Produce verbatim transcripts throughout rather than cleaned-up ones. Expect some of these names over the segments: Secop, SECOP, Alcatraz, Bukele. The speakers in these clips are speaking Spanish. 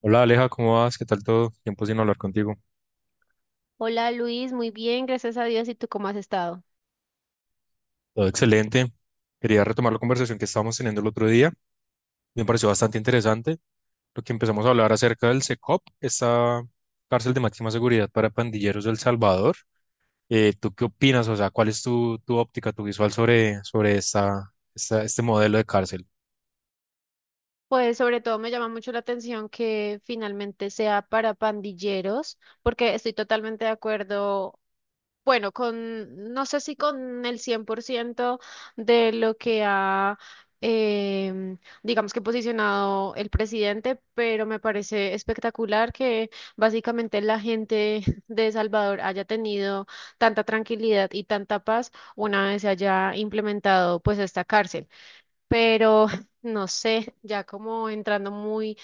Hola Aleja, ¿cómo vas? ¿Qué tal todo? Tiempo sin hablar contigo. Hola Luis, muy bien, gracias a Dios. ¿Y tú cómo has estado? Todo excelente. Quería retomar la conversación que estábamos teniendo el otro día. Me pareció bastante interesante lo que empezamos a hablar acerca del Secop, esta cárcel de máxima seguridad para pandilleros del Salvador. Eh, ¿tú qué opinas? O sea, ¿cuál es tu, tu óptica, tu visual sobre, sobre esta, esta- este modelo de cárcel? Pues sobre todo me llama mucho la atención que finalmente sea para pandilleros, porque estoy totalmente de acuerdo, bueno, con, no sé si con el cien por ciento de lo que ha, em, digamos que posicionado el presidente, pero me parece espectacular que básicamente la gente de Salvador haya tenido tanta tranquilidad y tanta paz una vez se haya implementado pues esta cárcel. Pero no sé, ya como entrando muy,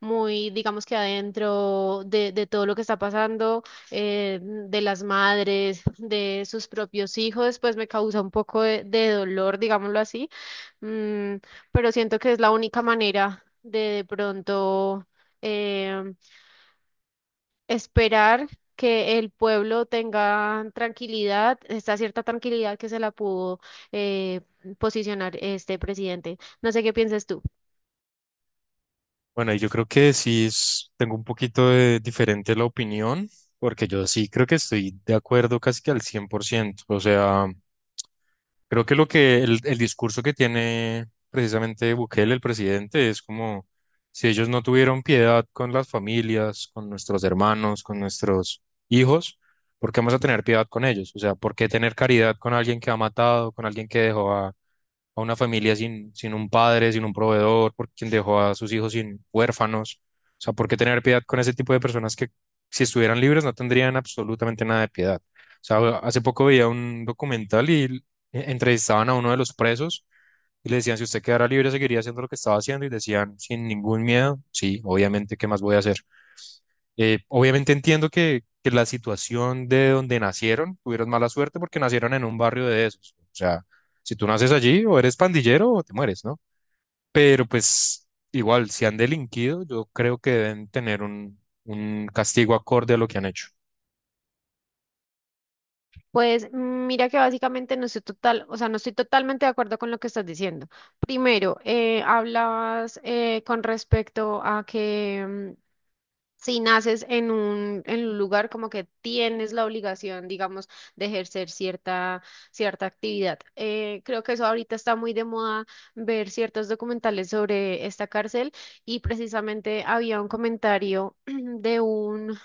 muy, digamos que adentro de, de todo lo que está pasando, eh, de las madres, de sus propios hijos, pues me causa un poco de, de dolor, digámoslo así. Mm, pero siento que es la única manera de de pronto, em, esperar que el pueblo tenga tranquilidad, esta cierta tranquilidad que se la pudo, eh, posicionar este presidente. No sé qué piensas tú. Bueno, y yo creo que sí es- tengo un poquito de diferente la opinión, porque yo sí creo que estoy de acuerdo casi que al cien por ciento. O sea... Creo que lo que el, el discurso que tiene precisamente Bukele, el presidente, es como si ellos no tuvieron piedad con las familias, con nuestros hermanos, con nuestros hijos, ¿por qué vamos a tener piedad con ellos? O sea, ¿por qué tener caridad con alguien que ha matado, con alguien que dejó a a una familia sin, sin un padre, sin un proveedor, por quien dejó a sus hijos sin huérfanos. O sea, ¿por qué tener piedad con ese tipo de personas que si estuvieran libres no tendrían absolutamente nada de piedad? O sea, hace poco veía un documental y l- entrevistaban a uno de los presos y le decían, si usted quedara libre, seguiría haciendo lo que estaba haciendo y decían, sin ningún miedo, sí, obviamente, ¿qué más voy a hacer? Eh, obviamente entiendo que, que la situación de donde nacieron tuvieron mala suerte porque nacieron en un barrio de esos. O sea, si tú naces allí o eres pandillero o te mueres, ¿no? Pero pues igual, si han delinquido, yo creo que deben tener un, un castigo acorde a lo que han hecho. Pues mm, mira que básicamente no estoy total, o sea, no estoy totalmente de acuerdo con lo que estás diciendo. Primero, eh, hablabas eh, con respecto a que mm, si naces en un, en un lugar como que tienes la obligación, digamos, de ejercer cierta, cierta actividad. Eh, creo que eso ahorita está muy de moda ver ciertos documentales sobre esta cárcel y precisamente había un comentario de un...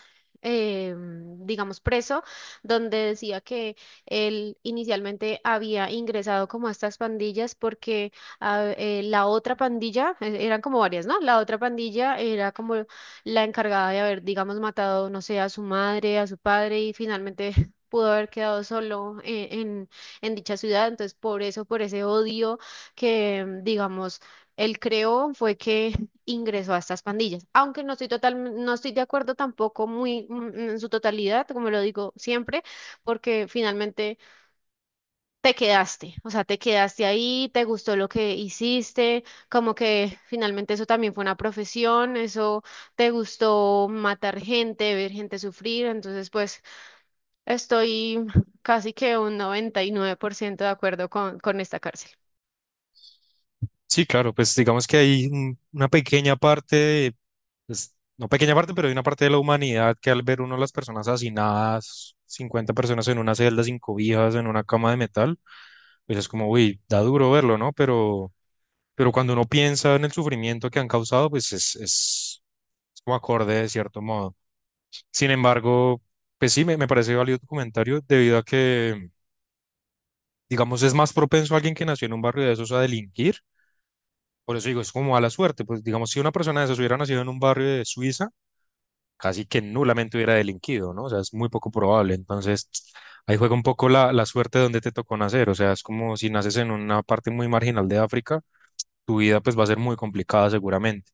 eh, digamos preso, donde decía que él inicialmente había ingresado como a estas pandillas porque ah, eh, la otra pandilla, eh, eran como varias, ¿no? La otra pandilla era como la encargada de haber, digamos, matado, no sé, a su madre, a su padre y finalmente pudo haber quedado solo en, en, en dicha ciudad. Entonces, por eso, por ese odio que, mm, digamos, él creó fue que ingresó a estas pandillas. Aunque no estoy total, no estoy de acuerdo tampoco muy mm, en su totalidad, como lo digo siempre, porque finalmente te quedaste, o sea, te quedaste ahí, te gustó lo que hiciste, como que finalmente eso también fue una profesión, eso te gustó matar gente, ver gente sufrir, entonces pues estoy casi que un noventa y nueve por ciento de acuerdo con, con esta cárcel. Sí, claro, pues digamos que hay un- una pequeña parte, de- pues, no pequeña parte, pero hay una parte de la humanidad que al ver uno a las personas hacinadas, cincuenta personas en una celda sin cobijas, en una cama de metal, pues es como, uy, da duro verlo, ¿no? Pero, pero cuando uno piensa en el sufrimiento que han causado, pues es, es, es como acorde de cierto modo. Sin embargo, pues sí, me, me parece válido tu comentario debido a que, digamos, es más propenso alguien que nació en un barrio de esos a delinquir. Por eso digo, es como mala suerte. Pues digamos, si una persona de esas hubiera nacido en un barrio de Suiza, casi que nulamente hubiera delinquido, ¿no? O sea, es muy poco probable. Entonces, ahí juega un poco la, la suerte de donde te tocó nacer. O sea, es como si naces en una parte muy marginal de África, tu vida pues va a ser muy complicada seguramente.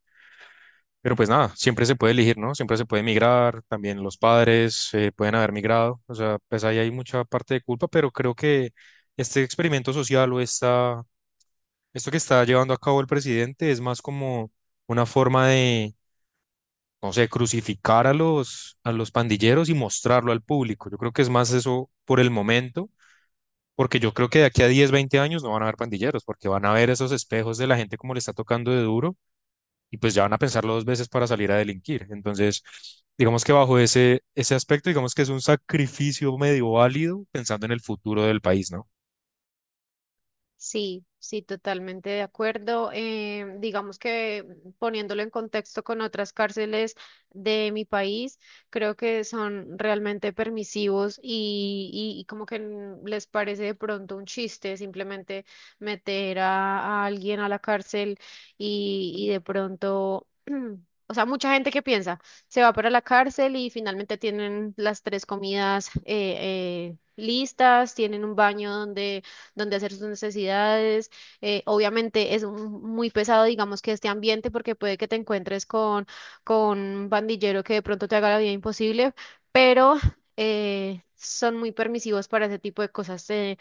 Pero pues nada, siempre se puede elegir, ¿no? Siempre se puede migrar, también los padres eh, pueden haber migrado, o sea, pues ahí hay mucha parte de culpa, pero creo que este experimento social o esta, esto que está llevando a cabo el presidente es más como una forma de, no sé, crucificar a los, a los pandilleros y mostrarlo al público. Yo creo que es más eso por el momento, porque yo creo que de aquí a diez veinte años no van a haber pandilleros, porque van a ver esos espejos de la gente como le está tocando de duro y pues ya van a pensarlo dos veces para salir a delinquir. Entonces, digamos que bajo ese, ese aspecto, digamos que es un sacrificio medio válido pensando en el futuro del país, ¿no? Sí, sí, totalmente de acuerdo. Eh, digamos que poniéndolo en contexto con otras cárceles de mi país, creo que son realmente permisivos y, y- y como que n- les parece de pronto un chiste simplemente meter a, a alguien a la cárcel y, y de pronto... O sea, mucha gente que piensa, se va para la cárcel y finalmente tienen las tres comidas eh, eh, listas, tienen un baño donde donde hacer sus necesidades. Eh, obviamente es un- muy pesado, digamos, que este ambiente, porque puede que te encuentres con, con un pandillero que de pronto te haga la vida imposible, pero eh, son muy permisivos para ese tipo de cosas. Te-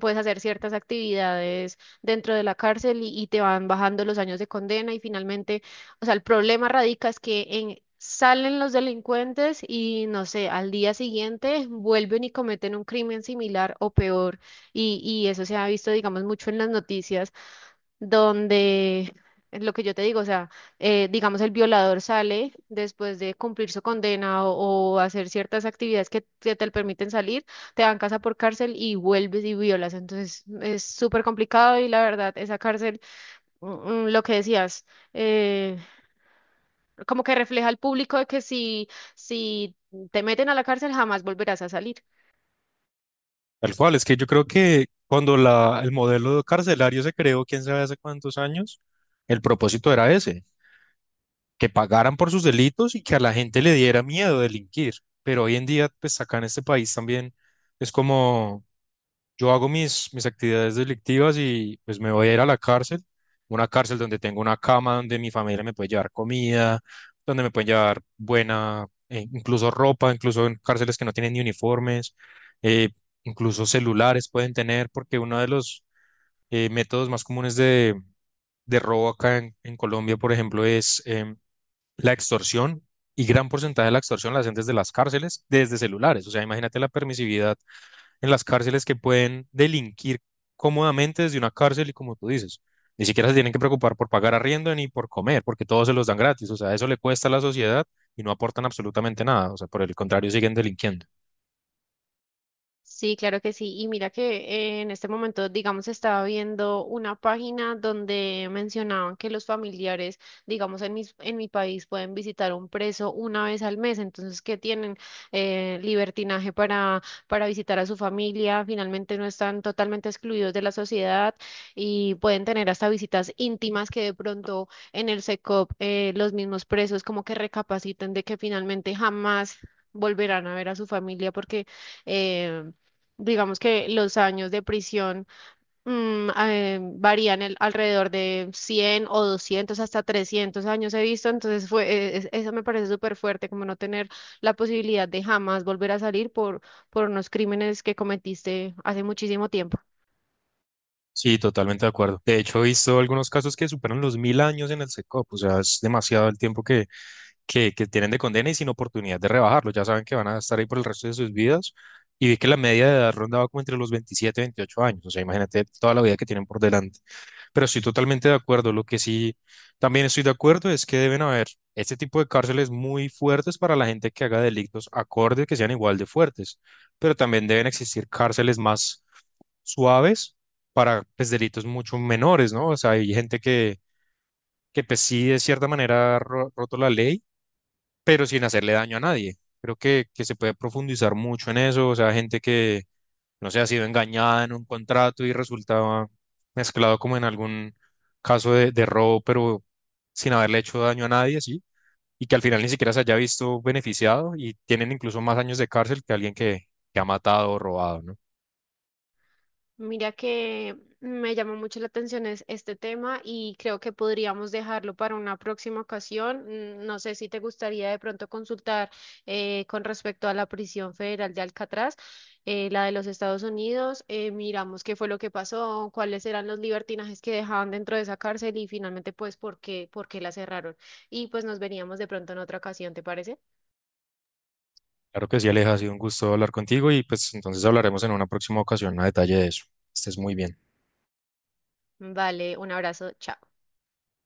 puedes hacer ciertas actividades dentro de la cárcel y, y te van bajando los años de condena y finalmente, o sea, el problema radica es que en- salen los delincuentes y no sé, al día siguiente vuelven y cometen un crimen similar o peor. Y, y eso se ha visto, digamos, mucho en las noticias, donde es lo que yo te digo, o sea, eh, digamos, el violador sale después de cumplir su condena o, o hacer ciertas actividades que, que te permiten salir, te dan casa por cárcel y vuelves y violas. Entonces es súper complicado y la verdad, esa cárcel, mm, mm, lo que decías, eh, como que refleja al público de que si, si te meten a la cárcel jamás volverás a salir. Tal cual, es que yo creo que cuando la, el modelo carcelario se creó, quién sabe hace cuántos años, el propósito era ese, que pagaran por sus delitos y que a la gente le diera miedo delinquir. Pero hoy en día, pues acá en este país también es como yo hago mis, mis actividades delictivas y pues me voy a ir a la cárcel, una cárcel donde tengo una cama, donde mi familia me puede llevar comida, donde me pueden llevar buena, eh, incluso ropa, incluso en cárceles que no tienen ni uniformes, eh, incluso celulares pueden tener, porque uno de los eh, métodos más comunes de, de robo acá en, en Colombia, por ejemplo, es em, la extorsión. Y gran porcentaje de la extorsión la hacen desde las cárceles, desde celulares. O sea, imagínate la permisividad en las cárceles que pueden delinquir cómodamente desde una cárcel y como tú dices, ni siquiera se tienen que preocupar por pagar arriendo ni por comer, porque todos se los dan gratis. O sea, eso le cuesta a la sociedad y no aportan absolutamente nada. O sea, por el contrario, siguen delinquiendo. Sí, claro que sí. Y mira que eh, en este momento, digamos, estaba viendo una página donde mencionaban que los familiares, digamos, en mi, en mi país pueden visitar a un preso una vez al mes. Entonces, que tienen eh, libertinaje para, para visitar a su familia. Finalmente no están totalmente excluidos de la sociedad y pueden tener hasta visitas íntimas que de pronto en el S E C O P, eh, los mismos presos como que recapaciten de que finalmente jamás volverán a ver a su familia porque... em, digamos que los años de prisión mm, eh, varían el- alrededor de cien o doscientos hasta trescientos años he visto, entonces fue, eh, es- eso me parece súper fuerte, como no tener la posibilidad de jamás volver a salir por, por unos crímenes que cometiste hace muchísimo tiempo. Sí, totalmente de acuerdo. De hecho, he visto algunos casos que superan los mil años en el SECOP. O sea, es demasiado el tiempo que, que, que tienen de condena y sin oportunidad de rebajarlo. Ya saben que van a estar ahí por el resto de sus vidas. Y vi que la media de edad rondaba como entre los veintisiete y veintiocho años. O sea, imagínate toda la vida que tienen por delante. Pero estoy totalmente de acuerdo. Lo que sí también estoy de acuerdo es que deben haber este tipo de cárceles muy fuertes para la gente que haga delitos acordes que sean igual de fuertes. Pero también deben existir cárceles más suaves para pues, delitos mucho menores, ¿no? O sea, hay gente que, que pues, sí de cierta manera ha ro- roto la ley, pero sin hacerle daño a nadie. Creo que, que se puede profundizar mucho en eso. O sea, gente que no sé, ha sido engañada en un contrato y resultaba mezclado como en algún caso de, de robo, pero sin haberle hecho daño a nadie, ¿sí? Y que al final ni siquiera se haya visto beneficiado y tienen incluso más años de cárcel que alguien que, que ha matado o robado, ¿no? Mira que me llamó mucho la atención es- este tema y creo que podríamos dejarlo para una próxima ocasión. Mm, no sé si te gustaría de pronto consultar eh, con respecto a la prisión federal de Alcatraz, eh, la de los Estados Unidos. Eh, miramos qué fue lo que pasó, cuáles eran los libertinajes que dejaban dentro de esa cárcel y finalmente pues por qué, por qué la cerraron. Y pues nos veríamos de pronto en otra ocasión, ¿te parece? Claro que sí, Aleja, ha sido un gusto hablar contigo y pues entonces hablaremos en una próxima ocasión a detalle de eso. Estés muy bien. Vale, un abrazo, chao.